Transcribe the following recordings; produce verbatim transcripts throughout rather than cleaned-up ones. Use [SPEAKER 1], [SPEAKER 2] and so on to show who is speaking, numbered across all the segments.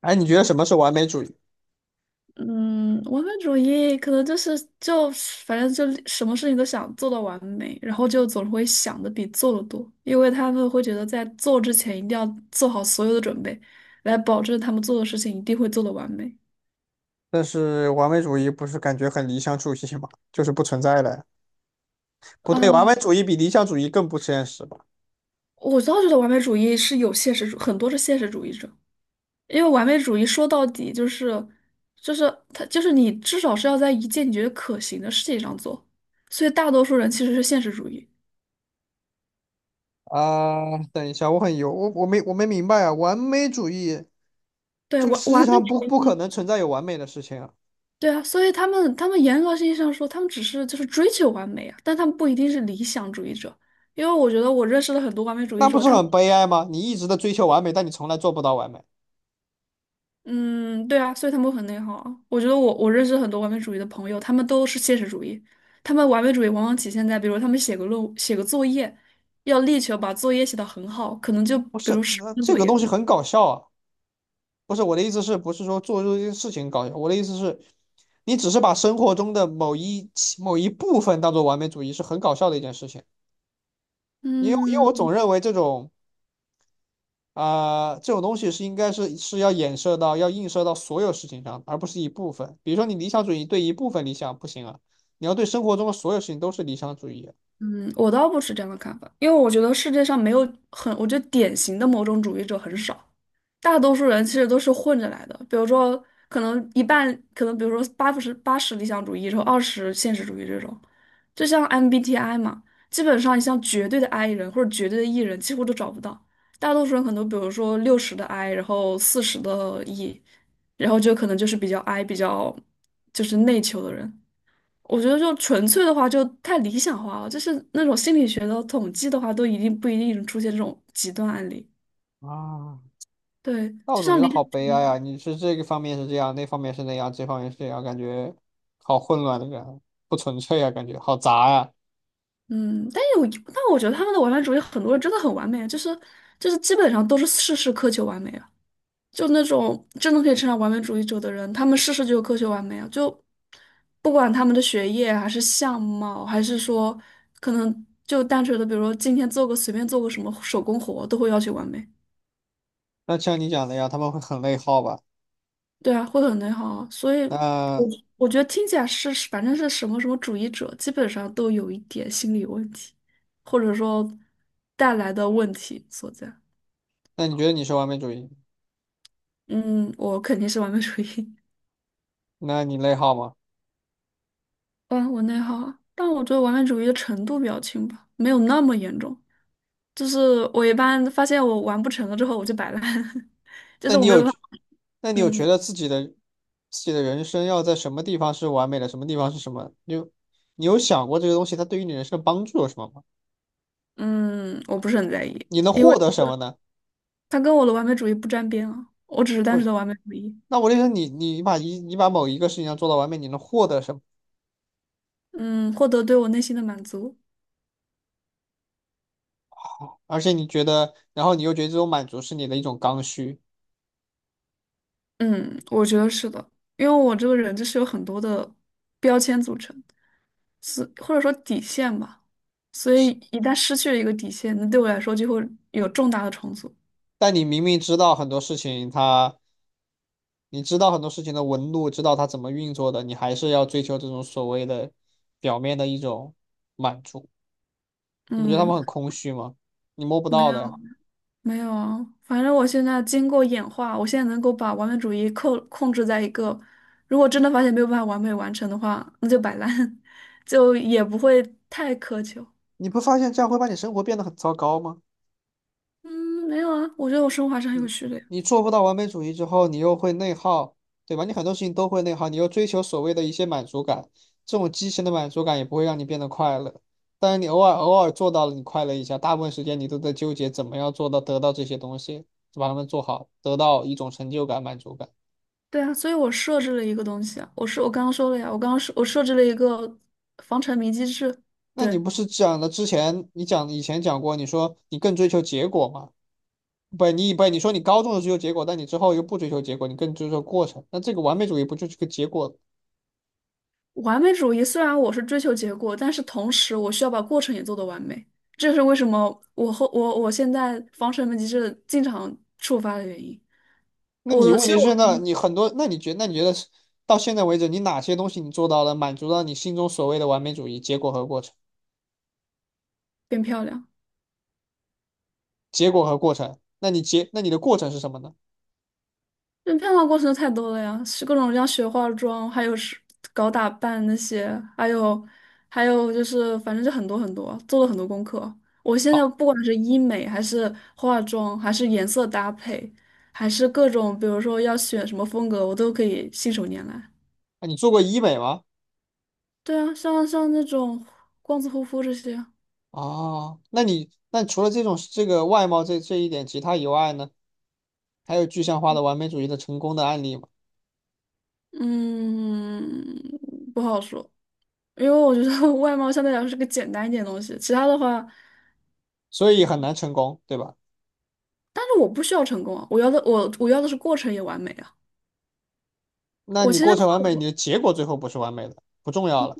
[SPEAKER 1] 哎，你觉得什么是完美主义？
[SPEAKER 2] 嗯，完美主义可能就是就反正就什么事情都想做到完美，然后就总会想的比做的多，因为他们会觉得在做之前一定要做好所有的准备，来保证他们做的事情一定会做的完美。
[SPEAKER 1] 但是完美主义不是感觉很理想主义吗？就是不存在的呀。不对，完美
[SPEAKER 2] 啊，
[SPEAKER 1] 主义比理想主义更不现实吧？
[SPEAKER 2] 我倒觉得完美主义是有现实主，很多是现实主义者，因为完美主义说到底就是就是他就是你至少是要在一件你觉得可行的事情上做，所以大多数人其实是现实主义。
[SPEAKER 1] 啊、等一下，我很油，我我没我没明白啊。完美主义，
[SPEAKER 2] 对，
[SPEAKER 1] 这个
[SPEAKER 2] 完
[SPEAKER 1] 世界
[SPEAKER 2] 完美
[SPEAKER 1] 上不
[SPEAKER 2] 主
[SPEAKER 1] 不可
[SPEAKER 2] 义。
[SPEAKER 1] 能存在有完美的事情啊。
[SPEAKER 2] 对啊，所以他们他们严格意义上说，他们只是就是追求完美啊，但他们不一定是理想主义者，因为我觉得我认识了很多完美主义
[SPEAKER 1] 那不
[SPEAKER 2] 者，
[SPEAKER 1] 是
[SPEAKER 2] 他们。
[SPEAKER 1] 很悲哀吗？你一直的追求完美，但你从来做不到完美。
[SPEAKER 2] 嗯，对啊，所以他们会很内耗啊。我觉得我我认识很多完美主义的朋友，他们都是现实主义，他们完美主义往往体现在，比如他们写个论写个作业，要力求把作业写得很好，可能就
[SPEAKER 1] 不
[SPEAKER 2] 比如
[SPEAKER 1] 是，
[SPEAKER 2] 十
[SPEAKER 1] 那
[SPEAKER 2] 分
[SPEAKER 1] 这
[SPEAKER 2] 作
[SPEAKER 1] 个
[SPEAKER 2] 业。
[SPEAKER 1] 东西很搞笑啊。不是，我的意思是，不是说做这件事情搞笑，我的意思是，你只是把生活中的某一某一部分当做完美主义，是很搞笑的一件事情。因为因为我
[SPEAKER 2] 嗯
[SPEAKER 1] 总认为这种啊、呃这种东西是应该是是要衍射到要映射到所有事情上，而不是一部分。比如说你理想主义对一部分理想不行啊，你要对生活中的所有事情都是理想主义啊。
[SPEAKER 2] 嗯，我倒不是这样的看法，因为我觉得世界上没有很，我觉得典型的某种主义者很少。大多数人其实都是混着来的，比如说可能一半，可能比如说八十八十理想主义，然后二十现实主义这种，就像 M B T I 嘛，基本上你像绝对的 I 人或者绝对的 E 人几乎都找不到，大多数人可能比如说六十的 I，然后四十的 E，然后就可能就是比较 I 比较就是内求的人。我觉得就纯粹的话就太理想化了，就是那种心理学的统计的话，都一定不一定出现这种极端案例。
[SPEAKER 1] 啊，
[SPEAKER 2] 对，
[SPEAKER 1] 那我
[SPEAKER 2] 就
[SPEAKER 1] 总觉
[SPEAKER 2] 像
[SPEAKER 1] 得
[SPEAKER 2] 理想
[SPEAKER 1] 好
[SPEAKER 2] 主
[SPEAKER 1] 悲哀
[SPEAKER 2] 义。
[SPEAKER 1] 啊！你是这个方面是这样，那方面是那样，这方面是这样，感觉好混乱的感觉，不纯粹啊，感觉好杂啊。
[SPEAKER 2] 嗯，但有，但我觉得他们的完美主义很多人真的很完美啊，就是就是基本上都是事事苛求完美啊，就那种真的可以称上完美主义者的人，他们事事就苛求完美啊，就不管他们的学业啊还是相貌，还是说可能就单纯的，比如说今天做个随便做个什么手工活，都会要求完美。
[SPEAKER 1] 那像你讲的呀，他们会很内耗吧？
[SPEAKER 2] 对啊，会很内耗啊，所以我
[SPEAKER 1] 那
[SPEAKER 2] 我觉得听起来是反正是什么什么主义者，基本上都有一点心理问题，或者说带来的问题所在。
[SPEAKER 1] 那你觉得你是完美主义？
[SPEAKER 2] 嗯，我肯定是完美主义，
[SPEAKER 1] 那你内耗吗？
[SPEAKER 2] 嗯，我内耗啊，但我觉得完美主义的程度比较轻吧，没有那么严重。就是我一般发现我完不成了之后，我就摆烂，就
[SPEAKER 1] 那
[SPEAKER 2] 是我
[SPEAKER 1] 你
[SPEAKER 2] 没有
[SPEAKER 1] 有
[SPEAKER 2] 办
[SPEAKER 1] 觉
[SPEAKER 2] 法。
[SPEAKER 1] 那你有觉
[SPEAKER 2] 嗯
[SPEAKER 1] 得自己的自己的人生要在什么地方是完美的，什么地方是什么？你有你有想过这个东西它对于你人生的帮助有什么吗？
[SPEAKER 2] 嗯，我不是很在意，
[SPEAKER 1] 你能
[SPEAKER 2] 因为
[SPEAKER 1] 获得什么呢？
[SPEAKER 2] 它跟我的完美主义不沾边啊，我只是单
[SPEAKER 1] 不
[SPEAKER 2] 纯
[SPEAKER 1] 是，
[SPEAKER 2] 的完美主义。
[SPEAKER 1] 那我就说你你把一你把某一个事情要做到完美，你能获得什么？
[SPEAKER 2] 嗯，获得对我内心的满足。
[SPEAKER 1] 而且你觉得，然后你又觉得这种满足是你的一种刚需，
[SPEAKER 2] 嗯，我觉得是的，因为我这个人就是有很多的标签组成，是或者说底线吧，所以一旦失去了一个底线，那对我来说就会有重大的重组。
[SPEAKER 1] 但你明明知道很多事情它，你知道很多事情的纹路，知道它怎么运作的，你还是要追求这种所谓的表面的一种满足。你不觉得他
[SPEAKER 2] 嗯，
[SPEAKER 1] 们很空虚吗？你摸不
[SPEAKER 2] 没
[SPEAKER 1] 到
[SPEAKER 2] 有，
[SPEAKER 1] 的呀。
[SPEAKER 2] 没有啊，反正我现在经过演化，我现在能够把完美主义控控制在一个，如果真的发现没有办法完美完成的话，那就摆烂，就也不会太苛求。
[SPEAKER 1] 你不发现这样会把你生活变得很糟糕吗？
[SPEAKER 2] 嗯，没有啊，我觉得我生活还是很有序的呀。
[SPEAKER 1] 你做不到完美主义之后，你又会内耗，对吧？你很多事情都会内耗，你又追求所谓的一些满足感，这种畸形的满足感也不会让你变得快乐。但是你偶尔偶尔做到了，你快乐一下，大部分时间你都在纠结怎么样做到得到这些东西，把它们做好，得到一种成就感、满足感。
[SPEAKER 2] 对啊，所以我设置了一个东西啊，我是我刚刚说了呀，我刚刚设我设置了一个防沉迷机制。
[SPEAKER 1] 那你
[SPEAKER 2] 对，
[SPEAKER 1] 不是讲的之前你讲以前讲过，你说你更追求结果吗？不，你不，你说你高中的追求结果，但你之后又不追求结果，你更追求过程，那这个完美主义不就是个结果？
[SPEAKER 2] 完美主义虽然我是追求结果，但是同时我需要把过程也做得完美，这是为什么我后我我现在防沉迷机制经常触发的原因。
[SPEAKER 1] 那
[SPEAKER 2] 我
[SPEAKER 1] 你
[SPEAKER 2] 的其
[SPEAKER 1] 问
[SPEAKER 2] 实
[SPEAKER 1] 题是
[SPEAKER 2] 我
[SPEAKER 1] 那你很多，那你觉那你觉得是到现在为止，你哪些东西你做到了，满足到你心中所谓的完美主义？结果和过程。
[SPEAKER 2] 变漂亮。
[SPEAKER 1] 结果和过程，那你结，那你的过程是什么呢？
[SPEAKER 2] 这变化过程太多了呀，是各种像学化妆，还有是搞打扮那些，还有还有就是，反正就很多很多，做了很多功课。我现
[SPEAKER 1] 好，
[SPEAKER 2] 在不管是医美，还是化妆，还是颜色搭配，还是各种，比如说要选什么风格，我都可以信手拈来。
[SPEAKER 1] 那你做过医美吗？
[SPEAKER 2] 对啊，像像那种光子护肤这些。
[SPEAKER 1] 啊，那你那除了这种这个外貌这这一点，其他以外呢，还有具象化的完美主义的成功的案例吗？
[SPEAKER 2] 嗯，不好说，因为我觉得 外貌相对来说是个简单一点的东西，其他的话。
[SPEAKER 1] 所以很难成功，对吧？
[SPEAKER 2] 但是我不需要成功啊，我要的我我要的是过程也完美啊。
[SPEAKER 1] 那
[SPEAKER 2] 我
[SPEAKER 1] 你
[SPEAKER 2] 其实
[SPEAKER 1] 过
[SPEAKER 2] 换
[SPEAKER 1] 程完
[SPEAKER 2] 了
[SPEAKER 1] 美，你
[SPEAKER 2] 我
[SPEAKER 1] 的结果最后不是完美的，不重要了。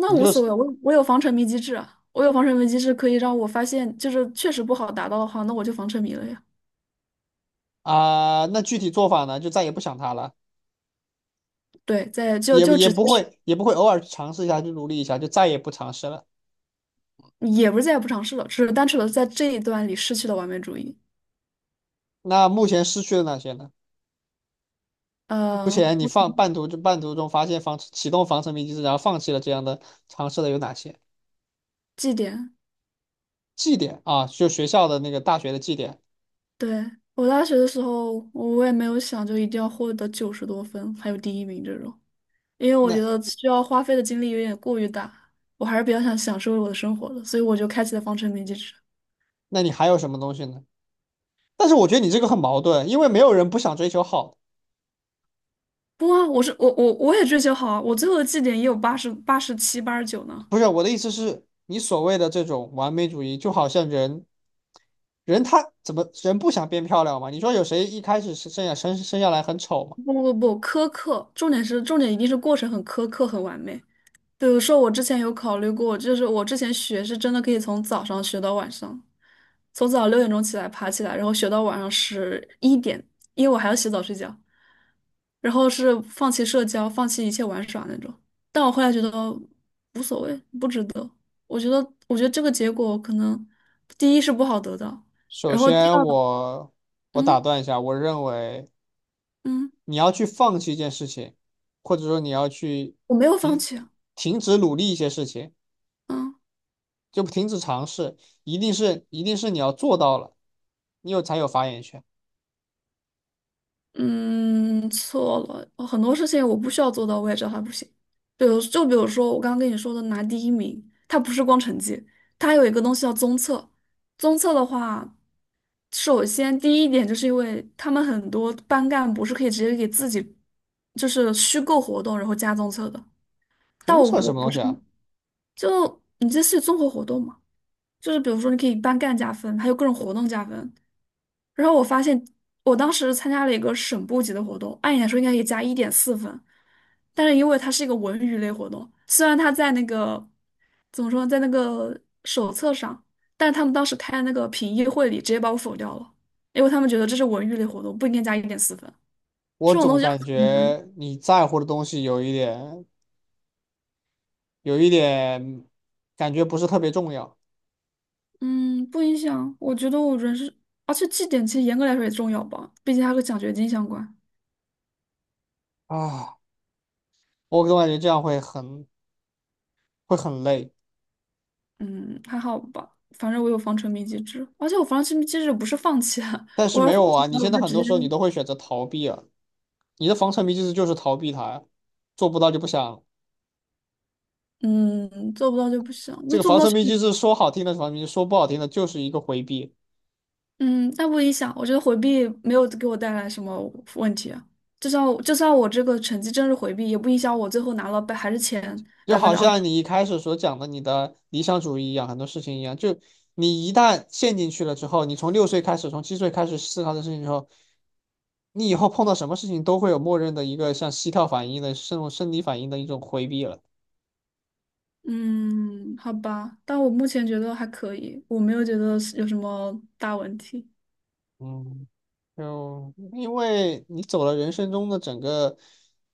[SPEAKER 2] 那
[SPEAKER 1] 你
[SPEAKER 2] 无
[SPEAKER 1] 就
[SPEAKER 2] 所
[SPEAKER 1] 是
[SPEAKER 2] 谓，我我有防沉迷机制啊，我有防沉迷机制可以让我发现，就是确实不好达到的话，那我就防沉迷了呀。
[SPEAKER 1] 啊、那具体做法呢，就再也不想它了，
[SPEAKER 2] 对，在就
[SPEAKER 1] 也
[SPEAKER 2] 就
[SPEAKER 1] 也
[SPEAKER 2] 直接
[SPEAKER 1] 不
[SPEAKER 2] 是，
[SPEAKER 1] 会也不会偶尔去尝试一下，去努力一下，就再也不尝试了。
[SPEAKER 2] 也不是再也不尝试了，只是单纯的在这一段里失去了完美主义。
[SPEAKER 1] 那目前失去的哪些呢？目
[SPEAKER 2] 呃，
[SPEAKER 1] 前你
[SPEAKER 2] 我
[SPEAKER 1] 放半途就半途中发现防启动防沉迷机制，然后放弃了这样的尝试的有哪些？
[SPEAKER 2] 绩点。
[SPEAKER 1] 绩点啊，就学校的那个大学的绩点，
[SPEAKER 2] 对，我大学的时候，我也没有想就一定要获得九十多分，还有第一名这种。因为我
[SPEAKER 1] 那
[SPEAKER 2] 觉得需要花费的精力有点过于大，我还是比较想享受我的生活的，所以我就开启了方程铭机制。
[SPEAKER 1] 那你还有什么东西呢？但是我觉得你这个很矛盾，因为没有人不想追求好的。
[SPEAKER 2] 不啊，我是我我我也追求好啊，我最后的绩点也有八十八十七、八十九呢。
[SPEAKER 1] 不是，我的意思是，你所谓的这种完美主义，就好像人，人他怎么人不想变漂亮嘛？你说有谁一开始是生下生生下来很丑吗？
[SPEAKER 2] 不不不，苛刻，重点是重点一定是过程很苛刻、很完美。比如说，我之前有考虑过，就是我之前学是真的可以从早上学到晚上，从早上六点钟起来爬起来，然后学到晚上十一点，因为我还要洗澡睡觉，然后是放弃社交，放弃一切玩耍那种。但我后来觉得无所谓，不值得。我觉得，我觉得这个结果可能第一是不好得到，
[SPEAKER 1] 首
[SPEAKER 2] 然后第
[SPEAKER 1] 先
[SPEAKER 2] 二。
[SPEAKER 1] 我我打
[SPEAKER 2] 嗯
[SPEAKER 1] 断一下，我认为
[SPEAKER 2] 嗯，
[SPEAKER 1] 你要去放弃一件事情，或者说你要去
[SPEAKER 2] 我没有放
[SPEAKER 1] 停
[SPEAKER 2] 弃啊。
[SPEAKER 1] 停止努力一些事情，
[SPEAKER 2] 嗯。
[SPEAKER 1] 就停止尝试，一定是一定是你要做到了，你有才有发言权。
[SPEAKER 2] 嗯，错了，呃很多事情我不需要做到，我也知道它不行。比如，就比如说我刚刚跟你说的拿第一名，它不是光成绩，它还有一个东西叫综测。综测的话，首先第一点就是因为他们很多班干部是可以直接给自己就是虚构活动，然后加综测的。但
[SPEAKER 1] 东
[SPEAKER 2] 我
[SPEAKER 1] 扯
[SPEAKER 2] 我
[SPEAKER 1] 什么
[SPEAKER 2] 不
[SPEAKER 1] 东西
[SPEAKER 2] 是，
[SPEAKER 1] 啊？
[SPEAKER 2] 就你这是综合活动吗？就是比如说你可以班干加分，还有各种活动加分。然后我发现，我当时参加了一个省部级的活动，按理来说应该可以加一点四分，但是因为它是一个文娱类活动，虽然它在那个怎么说，在那个手册上，但是他们当时开那个评议会里直接把我否掉了，因为他们觉得这是文娱类活动，不应该加一点四分。
[SPEAKER 1] 我
[SPEAKER 2] 这种
[SPEAKER 1] 总
[SPEAKER 2] 东西
[SPEAKER 1] 感
[SPEAKER 2] 很难。
[SPEAKER 1] 觉你在乎的东西有一点。有一点感觉不是特别重要
[SPEAKER 2] 嗯，不影响。我觉得我人是，而且绩点其实严格来说也重要吧，毕竟它和奖学金相关。
[SPEAKER 1] 啊。我总感觉这样会很会很累，
[SPEAKER 2] 嗯，还好吧，反正我有防沉迷机制，而且我防沉迷机制不是放弃啊，
[SPEAKER 1] 但 是
[SPEAKER 2] 我
[SPEAKER 1] 没
[SPEAKER 2] 要放
[SPEAKER 1] 有
[SPEAKER 2] 弃
[SPEAKER 1] 啊，你
[SPEAKER 2] 了，我
[SPEAKER 1] 现在
[SPEAKER 2] 就
[SPEAKER 1] 很
[SPEAKER 2] 直
[SPEAKER 1] 多
[SPEAKER 2] 接。
[SPEAKER 1] 时候你都会选择逃避啊，你的防沉迷机制就是逃避它呀，做不到就不想。
[SPEAKER 2] 嗯，做不到就不行，
[SPEAKER 1] 这
[SPEAKER 2] 那
[SPEAKER 1] 个
[SPEAKER 2] 做不
[SPEAKER 1] 防
[SPEAKER 2] 到
[SPEAKER 1] 沉
[SPEAKER 2] 就。
[SPEAKER 1] 迷机制说好听的是防沉迷，说不好听的就是一个回避。
[SPEAKER 2] 嗯，那不影响，我觉得回避没有给我带来什么问题啊，就算我就算我这个成绩真是回避，也不影响我最后拿了百还是前
[SPEAKER 1] 就
[SPEAKER 2] 百分
[SPEAKER 1] 好
[SPEAKER 2] 之二
[SPEAKER 1] 像
[SPEAKER 2] 十。
[SPEAKER 1] 你一开始所讲的你的理想主义一样，很多事情一样，就你一旦陷进去了之后，你从六岁开始，从七岁开始思考这事情之后，你以后碰到什么事情都会有默认的一个像膝跳反应的这种生理反应的一种回避了。
[SPEAKER 2] 嗯，好吧，但我目前觉得还可以，我没有觉得是有什么大问题。
[SPEAKER 1] 嗯，就因为你走了人生中的整个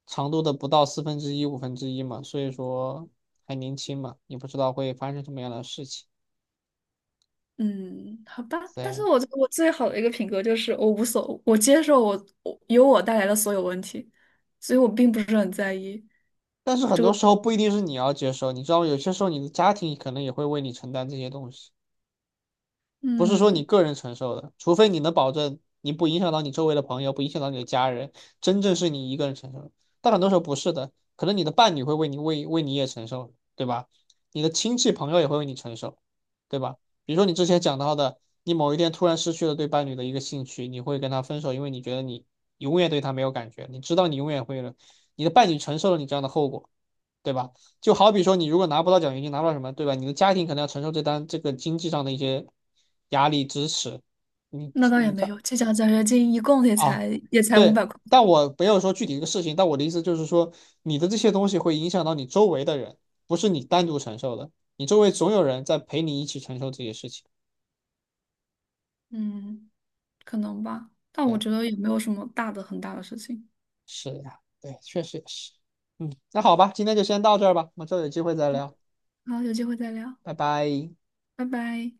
[SPEAKER 1] 长度的不到四分之一、五分之一嘛，所以说还年轻嘛，你不知道会发生什么样的事情。
[SPEAKER 2] 嗯，好吧，但是
[SPEAKER 1] 对，
[SPEAKER 2] 我我最好的一个品格就是我无所，我接受我我由我带来的所有问题，所以我并不是很在意
[SPEAKER 1] 但是很
[SPEAKER 2] 这
[SPEAKER 1] 多
[SPEAKER 2] 个。
[SPEAKER 1] 时候不一定是你要接受，你知道吗？有些时候你的家庭可能也会为你承担这些东西，不是说你
[SPEAKER 2] 嗯，
[SPEAKER 1] 个人承受的，除非你能保证你不影响到你周围的朋友，不影响到你的家人，真正是你一个人承受的。但很多时候不是的，可能你的伴侣会为你为为你也承受，对吧？你的亲戚朋友也会为你承受，对吧？比如说你之前讲到的，你某一天突然失去了对伴侣的一个兴趣，你会跟他分手，因为你觉得你永远对他没有感觉，你知道你永远会了，你的伴侣承受了你这样的后果，对吧？就好比说，你如果拿不到奖学金，拿不到什么，对吧？你的家庭可能要承受这单这个经济上的一些压力支持，你
[SPEAKER 2] 那倒也
[SPEAKER 1] 你这
[SPEAKER 2] 没有，这奖奖学金一共也
[SPEAKER 1] 啊，
[SPEAKER 2] 才也才五
[SPEAKER 1] 对。
[SPEAKER 2] 百块。
[SPEAKER 1] 但我没有说具体一个事情，但我的意思就是说，你的这些东西会影响到你周围的人，不是你单独承受的，你周围总有人在陪你一起承受这些事情。
[SPEAKER 2] 嗯，可能吧，但我
[SPEAKER 1] 对，
[SPEAKER 2] 觉得也没有什么大的很大的事情。
[SPEAKER 1] 是呀，对，确实也是。嗯，那好吧，今天就先到这儿吧，我们之后有机会再聊，
[SPEAKER 2] 好，有机会再聊，
[SPEAKER 1] 拜拜。
[SPEAKER 2] 拜拜。